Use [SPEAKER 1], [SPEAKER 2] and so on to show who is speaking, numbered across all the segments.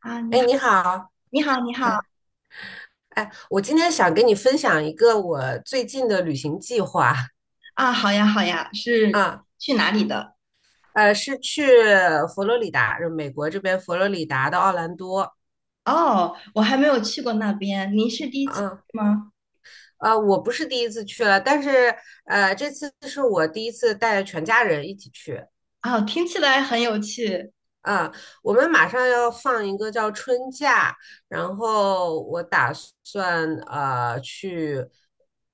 [SPEAKER 1] 啊，你
[SPEAKER 2] 哎，
[SPEAKER 1] 好，
[SPEAKER 2] 你好。
[SPEAKER 1] 你好，你
[SPEAKER 2] 哎，
[SPEAKER 1] 好
[SPEAKER 2] 哎，我今天想跟你分享一个我最近的旅行计划。
[SPEAKER 1] 啊，好呀，好呀，是
[SPEAKER 2] 啊，
[SPEAKER 1] 去哪里的？
[SPEAKER 2] 是去佛罗里达，就美国这边佛罗里达的奥兰多。
[SPEAKER 1] 哦，我还没有去过那边，您是第一次
[SPEAKER 2] 啊，
[SPEAKER 1] 去吗？
[SPEAKER 2] 我不是第一次去了，但是这次是我第一次带全家人一起去。
[SPEAKER 1] 哦，听起来很有趣。
[SPEAKER 2] 啊，我们马上要放一个叫春假，然后我打算去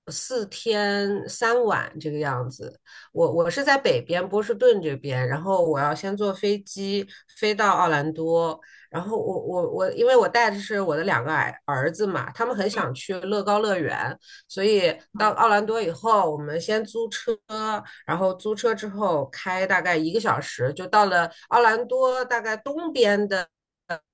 [SPEAKER 2] 4天3晚这个样子。我是在北边波士顿这边，然后我要先坐飞机飞到奥兰多。然后我我我，因为我带的是我的两个儿子嘛，他们很想去乐高乐园，所以
[SPEAKER 1] 啊
[SPEAKER 2] 到奥兰多以后，我们先租车，然后租车之后开大概一个小时，就到了奥兰多大概东边的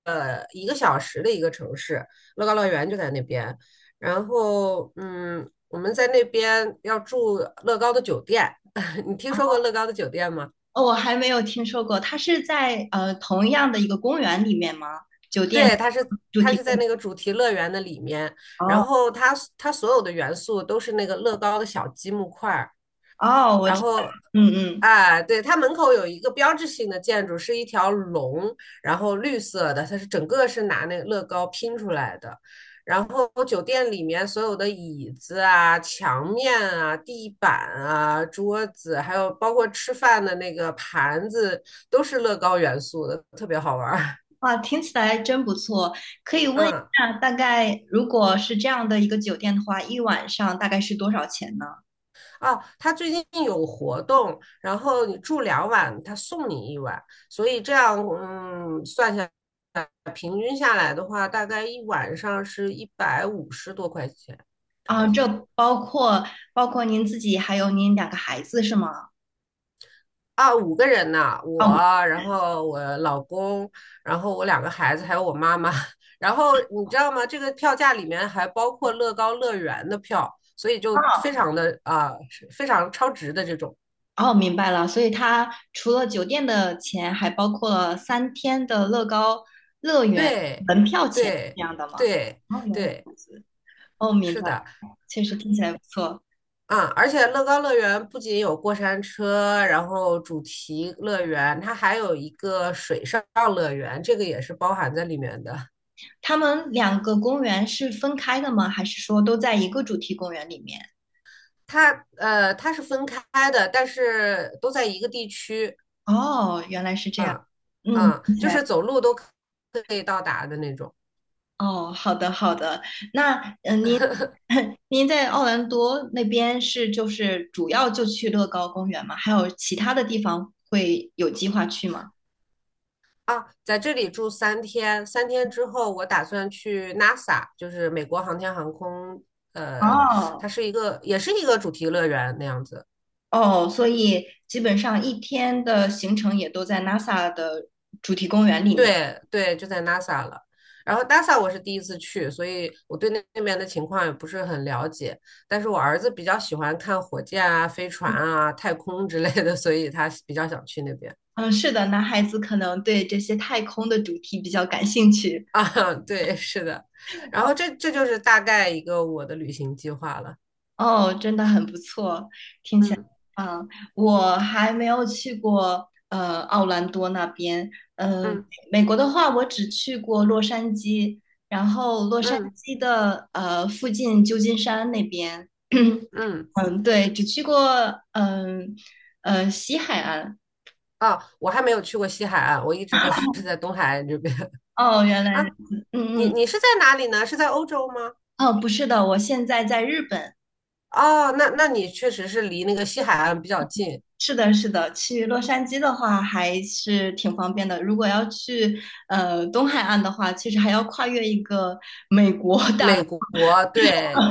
[SPEAKER 2] 一个小时的一个城市，乐高乐园就在那边。然后我们在那边要住乐高的酒店。你听说过乐高的酒店吗？
[SPEAKER 1] 哦，我还没有听说过，它是在同样的一个公园里面吗？酒店
[SPEAKER 2] 对，它是
[SPEAKER 1] 主
[SPEAKER 2] 它
[SPEAKER 1] 题
[SPEAKER 2] 是
[SPEAKER 1] 公
[SPEAKER 2] 在
[SPEAKER 1] 园。
[SPEAKER 2] 那个主题乐园的里面。然
[SPEAKER 1] 哦
[SPEAKER 2] 后它所有的元素都是那个乐高的小积木块儿。
[SPEAKER 1] 哦，我
[SPEAKER 2] 然
[SPEAKER 1] 知道，
[SPEAKER 2] 后，
[SPEAKER 1] 嗯嗯，
[SPEAKER 2] 啊，对，它门口有一个标志性的建筑，是一条龙，然后绿色的，它是整个是拿那个乐高拼出来的。然后酒店里面所有的椅子啊、墙面啊、地板啊、桌子，还有包括吃饭的那个盘子，都是乐高元素的，特别好玩儿。
[SPEAKER 1] 哇，听起来真不错。可以问一
[SPEAKER 2] 嗯。
[SPEAKER 1] 下，大概如果是这样的一个酒店的话，一晚上大概是多少钱呢？
[SPEAKER 2] 哦，他最近有活动，然后你住两晚，他送你一晚，所以这样，算下来，平均下来的话，大概一晚上是150多块钱，这样
[SPEAKER 1] 啊，
[SPEAKER 2] 子。
[SPEAKER 1] 这包括包括您自己还有您两个孩子是吗？
[SPEAKER 2] 啊，五个人呢，我，
[SPEAKER 1] 哦
[SPEAKER 2] 然后我老公，然后我两个孩子，还有我妈妈。然后你知道吗？这个票价里面还包括乐高乐园的票，所以就非常的啊，是非常超值的这种。
[SPEAKER 1] 哦，明白了。所以它除了酒店的钱，还包括了三天的乐高
[SPEAKER 2] 对，
[SPEAKER 1] 门票钱这
[SPEAKER 2] 对，
[SPEAKER 1] 样的吗？
[SPEAKER 2] 对。
[SPEAKER 1] 哦，原来
[SPEAKER 2] 对，
[SPEAKER 1] 如此。哦，明
[SPEAKER 2] 是
[SPEAKER 1] 白
[SPEAKER 2] 的。
[SPEAKER 1] 了，确实听起来不错。
[SPEAKER 2] 嗯，而且乐高乐园不仅有过山车，然后主题乐园，它还有一个水上乐园，这个也是包含在里面的。
[SPEAKER 1] 他们两个公园是分开的吗？还是说都在一个主题公园里面？
[SPEAKER 2] 它它是分开的，但是都在一个地区。
[SPEAKER 1] 哦，原来是这样。
[SPEAKER 2] 嗯
[SPEAKER 1] 嗯。
[SPEAKER 2] 嗯，就是走路都可以到达的那种。
[SPEAKER 1] 哦，好的好的。那您 您在奥兰多那边是就是主要就去乐高公园吗？还有其他的地方会有计划去吗？
[SPEAKER 2] 啊，在这里住3天，3天之后我打算去 NASA,就是美国航天航空。呃，
[SPEAKER 1] 哦
[SPEAKER 2] 它是一个也是一个主题乐园那样子。
[SPEAKER 1] 哦，所以基本上一天的行程也都在 NASA 的主题公园里面。
[SPEAKER 2] 对对，就在 NASA 了。然后 NASA 我是第一次去，所以我对那边的情况也不是很了解。但是我儿子比较喜欢看火箭啊、飞船啊、太空之类的。所以他比较想去那边。
[SPEAKER 1] 嗯，是的，男孩子可能对这些太空的主题比较感兴趣。
[SPEAKER 2] 啊。对，是的。然后这就是大概一个我的旅行计划了。
[SPEAKER 1] 哦，真的很不错。
[SPEAKER 2] 嗯
[SPEAKER 1] 嗯，我还没有去过奥兰多那边。呃，
[SPEAKER 2] 嗯
[SPEAKER 1] 美国的话，我只去过洛杉矶，然后洛杉
[SPEAKER 2] 嗯
[SPEAKER 1] 矶的附近旧金山那边。
[SPEAKER 2] 嗯。
[SPEAKER 1] 嗯，对，只去过嗯西海岸。
[SPEAKER 2] 啊，我还没有去过西海岸，我一直都是在东海岸这边。
[SPEAKER 1] 哦，原 来
[SPEAKER 2] 啊。
[SPEAKER 1] 如此。嗯
[SPEAKER 2] 你
[SPEAKER 1] 嗯，
[SPEAKER 2] 你是在哪里呢？是在欧洲吗？
[SPEAKER 1] 哦，不是的，我现在在日本。
[SPEAKER 2] 哦，那你确实是离那个西海岸比较近。
[SPEAKER 1] 是的，是的，去洛杉矶的话还是挺方便的。如果要去东海岸的话，其实还要跨越一个美国 大。
[SPEAKER 2] 美国。对。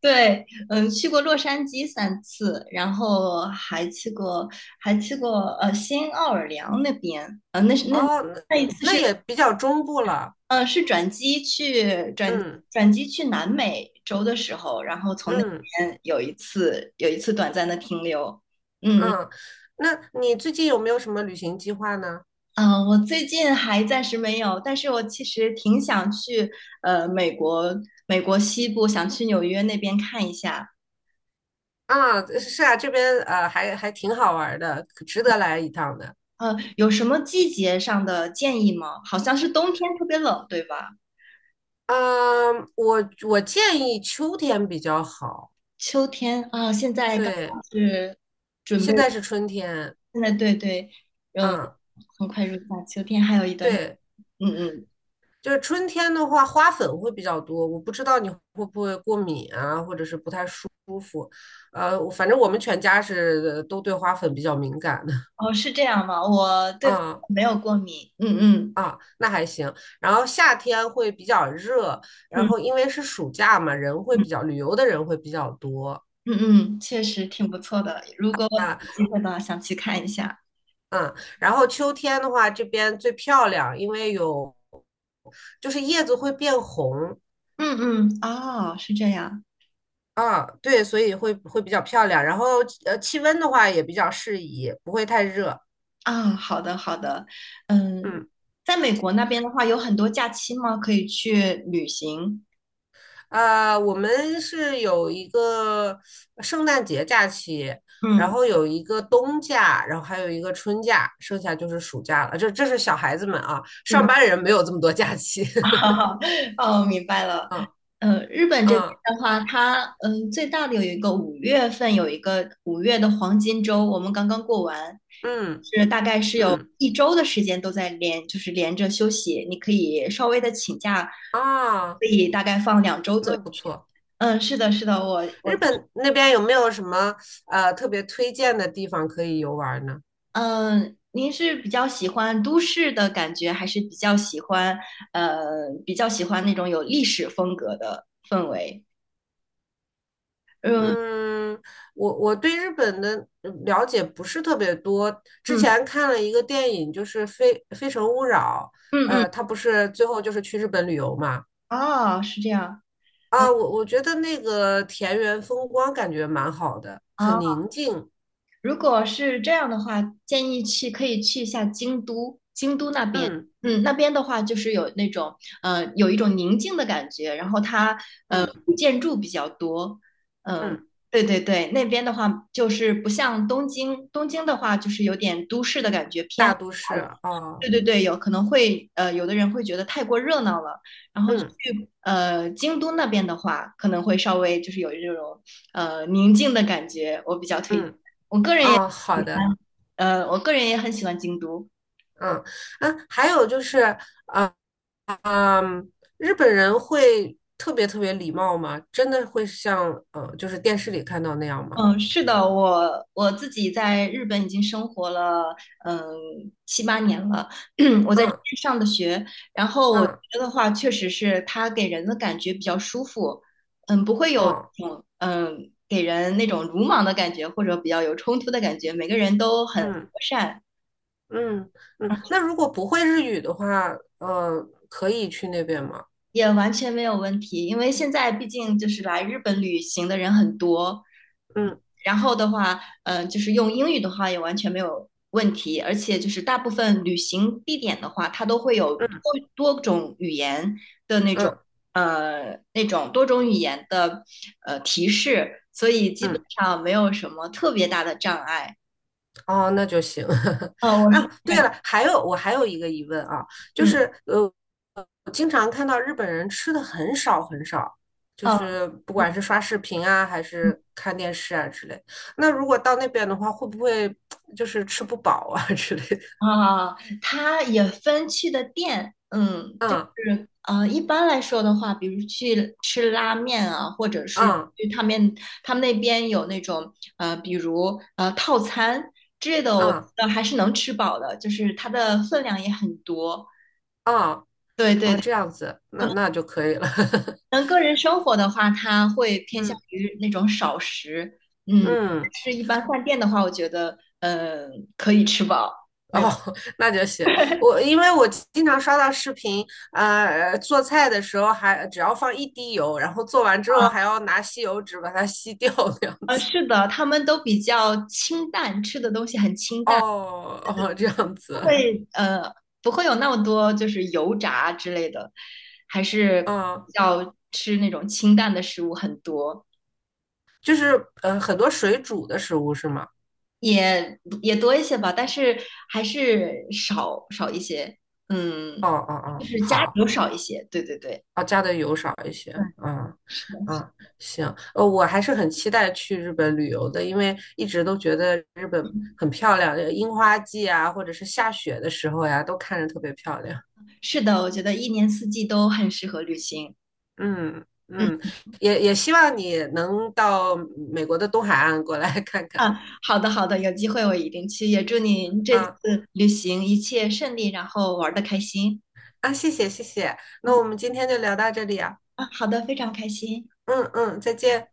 [SPEAKER 1] 对，嗯，去过洛杉矶三次，然后还去过，还去过新奥尔良那边，
[SPEAKER 2] 哦，那
[SPEAKER 1] 那一次
[SPEAKER 2] 那
[SPEAKER 1] 是，
[SPEAKER 2] 也比较中部了。
[SPEAKER 1] 呃，是转机去转
[SPEAKER 2] 嗯
[SPEAKER 1] 转机去南美洲的时候，然后从那
[SPEAKER 2] 嗯
[SPEAKER 1] 边有一次短暂的停留，嗯
[SPEAKER 2] 嗯，那你最近有没有什么旅行计划呢？
[SPEAKER 1] 我最近还暂时没有，但是我其实挺想去呃美国美国西部，想去纽约那边看一下。
[SPEAKER 2] 啊，是啊，这边还挺好玩儿的，可值得来一趟的。
[SPEAKER 1] 呃，有什么季节上的建议吗？好像是冬天特别冷，对吧？
[SPEAKER 2] 嗯，我建议秋天比较好。
[SPEAKER 1] 秋天啊，现在刚
[SPEAKER 2] 对，
[SPEAKER 1] 好是准备，
[SPEAKER 2] 现在是春天。
[SPEAKER 1] 现在对对，
[SPEAKER 2] 嗯。
[SPEAKER 1] 很快入夏，秋天还有一段时，
[SPEAKER 2] 对。
[SPEAKER 1] 嗯嗯，
[SPEAKER 2] 就是春天的话，花粉会比较多，我不知道你会不会过敏啊，或者是不太舒服。我反正我们全家是都对花粉比较敏感的。
[SPEAKER 1] 哦，是这样吗？我对花
[SPEAKER 2] 嗯
[SPEAKER 1] 没有过敏，嗯嗯
[SPEAKER 2] 啊，那还行。然后夏天会比较热，然后
[SPEAKER 1] 嗯
[SPEAKER 2] 因为是暑假嘛，人会
[SPEAKER 1] 嗯
[SPEAKER 2] 比较旅游的人会比较多
[SPEAKER 1] 嗯嗯，确实挺不错的。如果
[SPEAKER 2] 啊。
[SPEAKER 1] 有机会的话，想去看一下。
[SPEAKER 2] 嗯。然后秋天的话，这边最漂亮，因为有就是叶子会变红。
[SPEAKER 1] 嗯嗯，哦，是这样
[SPEAKER 2] 啊，对，所以会比较漂亮。然后气温的话也比较适宜，不会太热。
[SPEAKER 1] 啊，好的好的，嗯，
[SPEAKER 2] 嗯。
[SPEAKER 1] 在美国那边的话，有很多假期吗？可以去旅行。
[SPEAKER 2] 我们是有一个圣诞节假期，
[SPEAKER 1] 嗯。
[SPEAKER 2] 然
[SPEAKER 1] 嗯
[SPEAKER 2] 后有一个冬假，然后还有一个春假，剩下就是暑假了。这是小孩子们啊，上
[SPEAKER 1] 嗯
[SPEAKER 2] 班人没有这么多假期。
[SPEAKER 1] 哈 哈，哦，明白了。
[SPEAKER 2] 嗯
[SPEAKER 1] 呃，日本这边
[SPEAKER 2] 嗯
[SPEAKER 1] 的话，它最大的有一个五月份有一个五月的黄金周，我们刚刚过完，
[SPEAKER 2] 嗯
[SPEAKER 1] 是大概是有
[SPEAKER 2] 嗯
[SPEAKER 1] 一周的时间都在连，就是连着休息，你可以稍微的请假，
[SPEAKER 2] 啊，
[SPEAKER 1] 可以大概放两周左
[SPEAKER 2] 那
[SPEAKER 1] 右。
[SPEAKER 2] 不错。
[SPEAKER 1] 嗯，是的，是的，我
[SPEAKER 2] 日本那边有没有什么特别推荐的地方可以游玩呢？
[SPEAKER 1] 嗯，您是比较喜欢都市的感觉，还是比较喜欢那种有历史风格的氛围？嗯
[SPEAKER 2] 嗯，我对日本的了解不是特别多。之
[SPEAKER 1] 嗯
[SPEAKER 2] 前看了一个电影，就是非《非诚勿扰》。
[SPEAKER 1] 嗯嗯。
[SPEAKER 2] 他不是最后就是去日本旅游嘛？
[SPEAKER 1] 哦，是这样
[SPEAKER 2] 啊，我觉得那个田园风光感觉蛮好的，
[SPEAKER 1] 啊。
[SPEAKER 2] 很
[SPEAKER 1] 哦
[SPEAKER 2] 宁静。
[SPEAKER 1] 如果是这样的话，建议去可以去一下京都，京都那边，
[SPEAKER 2] 嗯
[SPEAKER 1] 嗯，那边的话就是有那种有一种宁静的感觉，然后它
[SPEAKER 2] 嗯
[SPEAKER 1] 古建筑比较多，嗯，
[SPEAKER 2] 嗯，
[SPEAKER 1] 对对对，那边的话就是不像东京，东京的话就是有点都市的感觉
[SPEAKER 2] 大
[SPEAKER 1] 偏。
[SPEAKER 2] 都市。哦，
[SPEAKER 1] 对对对，有可能有的人会觉得太过热闹了，然后去
[SPEAKER 2] 嗯
[SPEAKER 1] 京都那边的话，可能会稍微就是有这种宁静的感觉，我比较推荐。
[SPEAKER 2] 嗯。哦，好的。
[SPEAKER 1] 呃，我个人也很喜欢京都。
[SPEAKER 2] 嗯啊，还有就是。呃嗯，日本人会特别特别礼貌吗？真的会像就是电视里看到那样吗？
[SPEAKER 1] 嗯，是的，我自己在日本已经生活了，嗯，七八年了。我在这
[SPEAKER 2] 嗯
[SPEAKER 1] 边上的学，然后我觉
[SPEAKER 2] 嗯
[SPEAKER 1] 得的话，确实是它给人的感觉比较舒服，嗯，不会有
[SPEAKER 2] 嗯
[SPEAKER 1] 那种嗯给人那种鲁莽的感觉，或者比较有冲突的感觉。每个人都很和
[SPEAKER 2] 嗯
[SPEAKER 1] 善，
[SPEAKER 2] 嗯嗯。那如果不会日语的话，呃，可以去那边吗？
[SPEAKER 1] 也完全没有问题，因为现在毕竟就是来日本旅行的人很多，嗯
[SPEAKER 2] 嗯
[SPEAKER 1] 然后的话，就是用英语的话也完全没有问题，而且就是大部分旅行地点的话，它都会有
[SPEAKER 2] 嗯
[SPEAKER 1] 多种语言的那种，
[SPEAKER 2] 嗯
[SPEAKER 1] 那种多种语言的提示，所以基本
[SPEAKER 2] 嗯。
[SPEAKER 1] 上没有什么特别大的障碍。
[SPEAKER 2] 哦，那就行。
[SPEAKER 1] 嗯，我是，
[SPEAKER 2] 啊，对了，还有我还有一个疑问啊，就
[SPEAKER 1] 嗯，
[SPEAKER 2] 是我经常看到日本人吃的很少很少，就
[SPEAKER 1] 嗯，
[SPEAKER 2] 是不管是刷视频啊，还
[SPEAKER 1] 嗯。
[SPEAKER 2] 是看电视啊之类。那如果到那边的话，会不会就是吃不饱啊 之类的？
[SPEAKER 1] 啊，它也分去的店，嗯，
[SPEAKER 2] 嗯
[SPEAKER 1] 一般来说的话，比如去吃拉面啊，或者是
[SPEAKER 2] 嗯
[SPEAKER 1] 去他们那边有那种比如套餐之类的，我觉
[SPEAKER 2] 嗯
[SPEAKER 1] 得还是能吃饱的，就是它的分量也很多。
[SPEAKER 2] 嗯。
[SPEAKER 1] 对对
[SPEAKER 2] 啊，
[SPEAKER 1] 对，
[SPEAKER 2] 这样子，
[SPEAKER 1] 可
[SPEAKER 2] 那
[SPEAKER 1] 能
[SPEAKER 2] 那就可以了。
[SPEAKER 1] 可能 个人生活的话，它会偏向
[SPEAKER 2] 嗯
[SPEAKER 1] 于那种少食，嗯，
[SPEAKER 2] 嗯。
[SPEAKER 1] 但是一般饭店的话，我觉得可以吃饱，没
[SPEAKER 2] 哦。
[SPEAKER 1] 有。
[SPEAKER 2] 那就行。我因为我经常刷到视频。做菜的时候还只要放一滴油，然后做完之后还要拿吸油纸把它吸掉那样
[SPEAKER 1] 呃，
[SPEAKER 2] 子。
[SPEAKER 1] 是的，他们都比较清淡，吃的东西很清淡，
[SPEAKER 2] 哦哦，这样
[SPEAKER 1] 不
[SPEAKER 2] 子。
[SPEAKER 1] 会呃不会有那么多就是油炸之类的，还是
[SPEAKER 2] 嗯，
[SPEAKER 1] 要吃那种清淡的食物很多，
[SPEAKER 2] 就是很多水煮的食物是吗？
[SPEAKER 1] 也多一些吧，但是还是少一些，
[SPEAKER 2] 哦
[SPEAKER 1] 嗯，
[SPEAKER 2] 哦
[SPEAKER 1] 就
[SPEAKER 2] 哦，
[SPEAKER 1] 是加
[SPEAKER 2] 好。
[SPEAKER 1] 油少一些，对对对，
[SPEAKER 2] 哦，加的油少一些。
[SPEAKER 1] 对，
[SPEAKER 2] 嗯
[SPEAKER 1] 是的，
[SPEAKER 2] 嗯。行。我还是很期待去日本旅游的，因为一直都觉得日本很漂亮，樱花季啊，或者是下雪的时候呀，都看着特别漂亮。
[SPEAKER 1] 是的，我觉得一年四季都很适合旅行。
[SPEAKER 2] 嗯
[SPEAKER 1] 嗯。
[SPEAKER 2] 嗯。也希望你能到美国的东海岸过来看看。
[SPEAKER 1] 啊，好的好的，有机会我一定去，也祝您这次
[SPEAKER 2] 啊。
[SPEAKER 1] 旅行一切顺利，然后玩的开心。
[SPEAKER 2] 啊，谢谢谢谢。那我们今天就聊到这里啊。
[SPEAKER 1] 啊，好的，非常开心。
[SPEAKER 2] 嗯嗯，再见。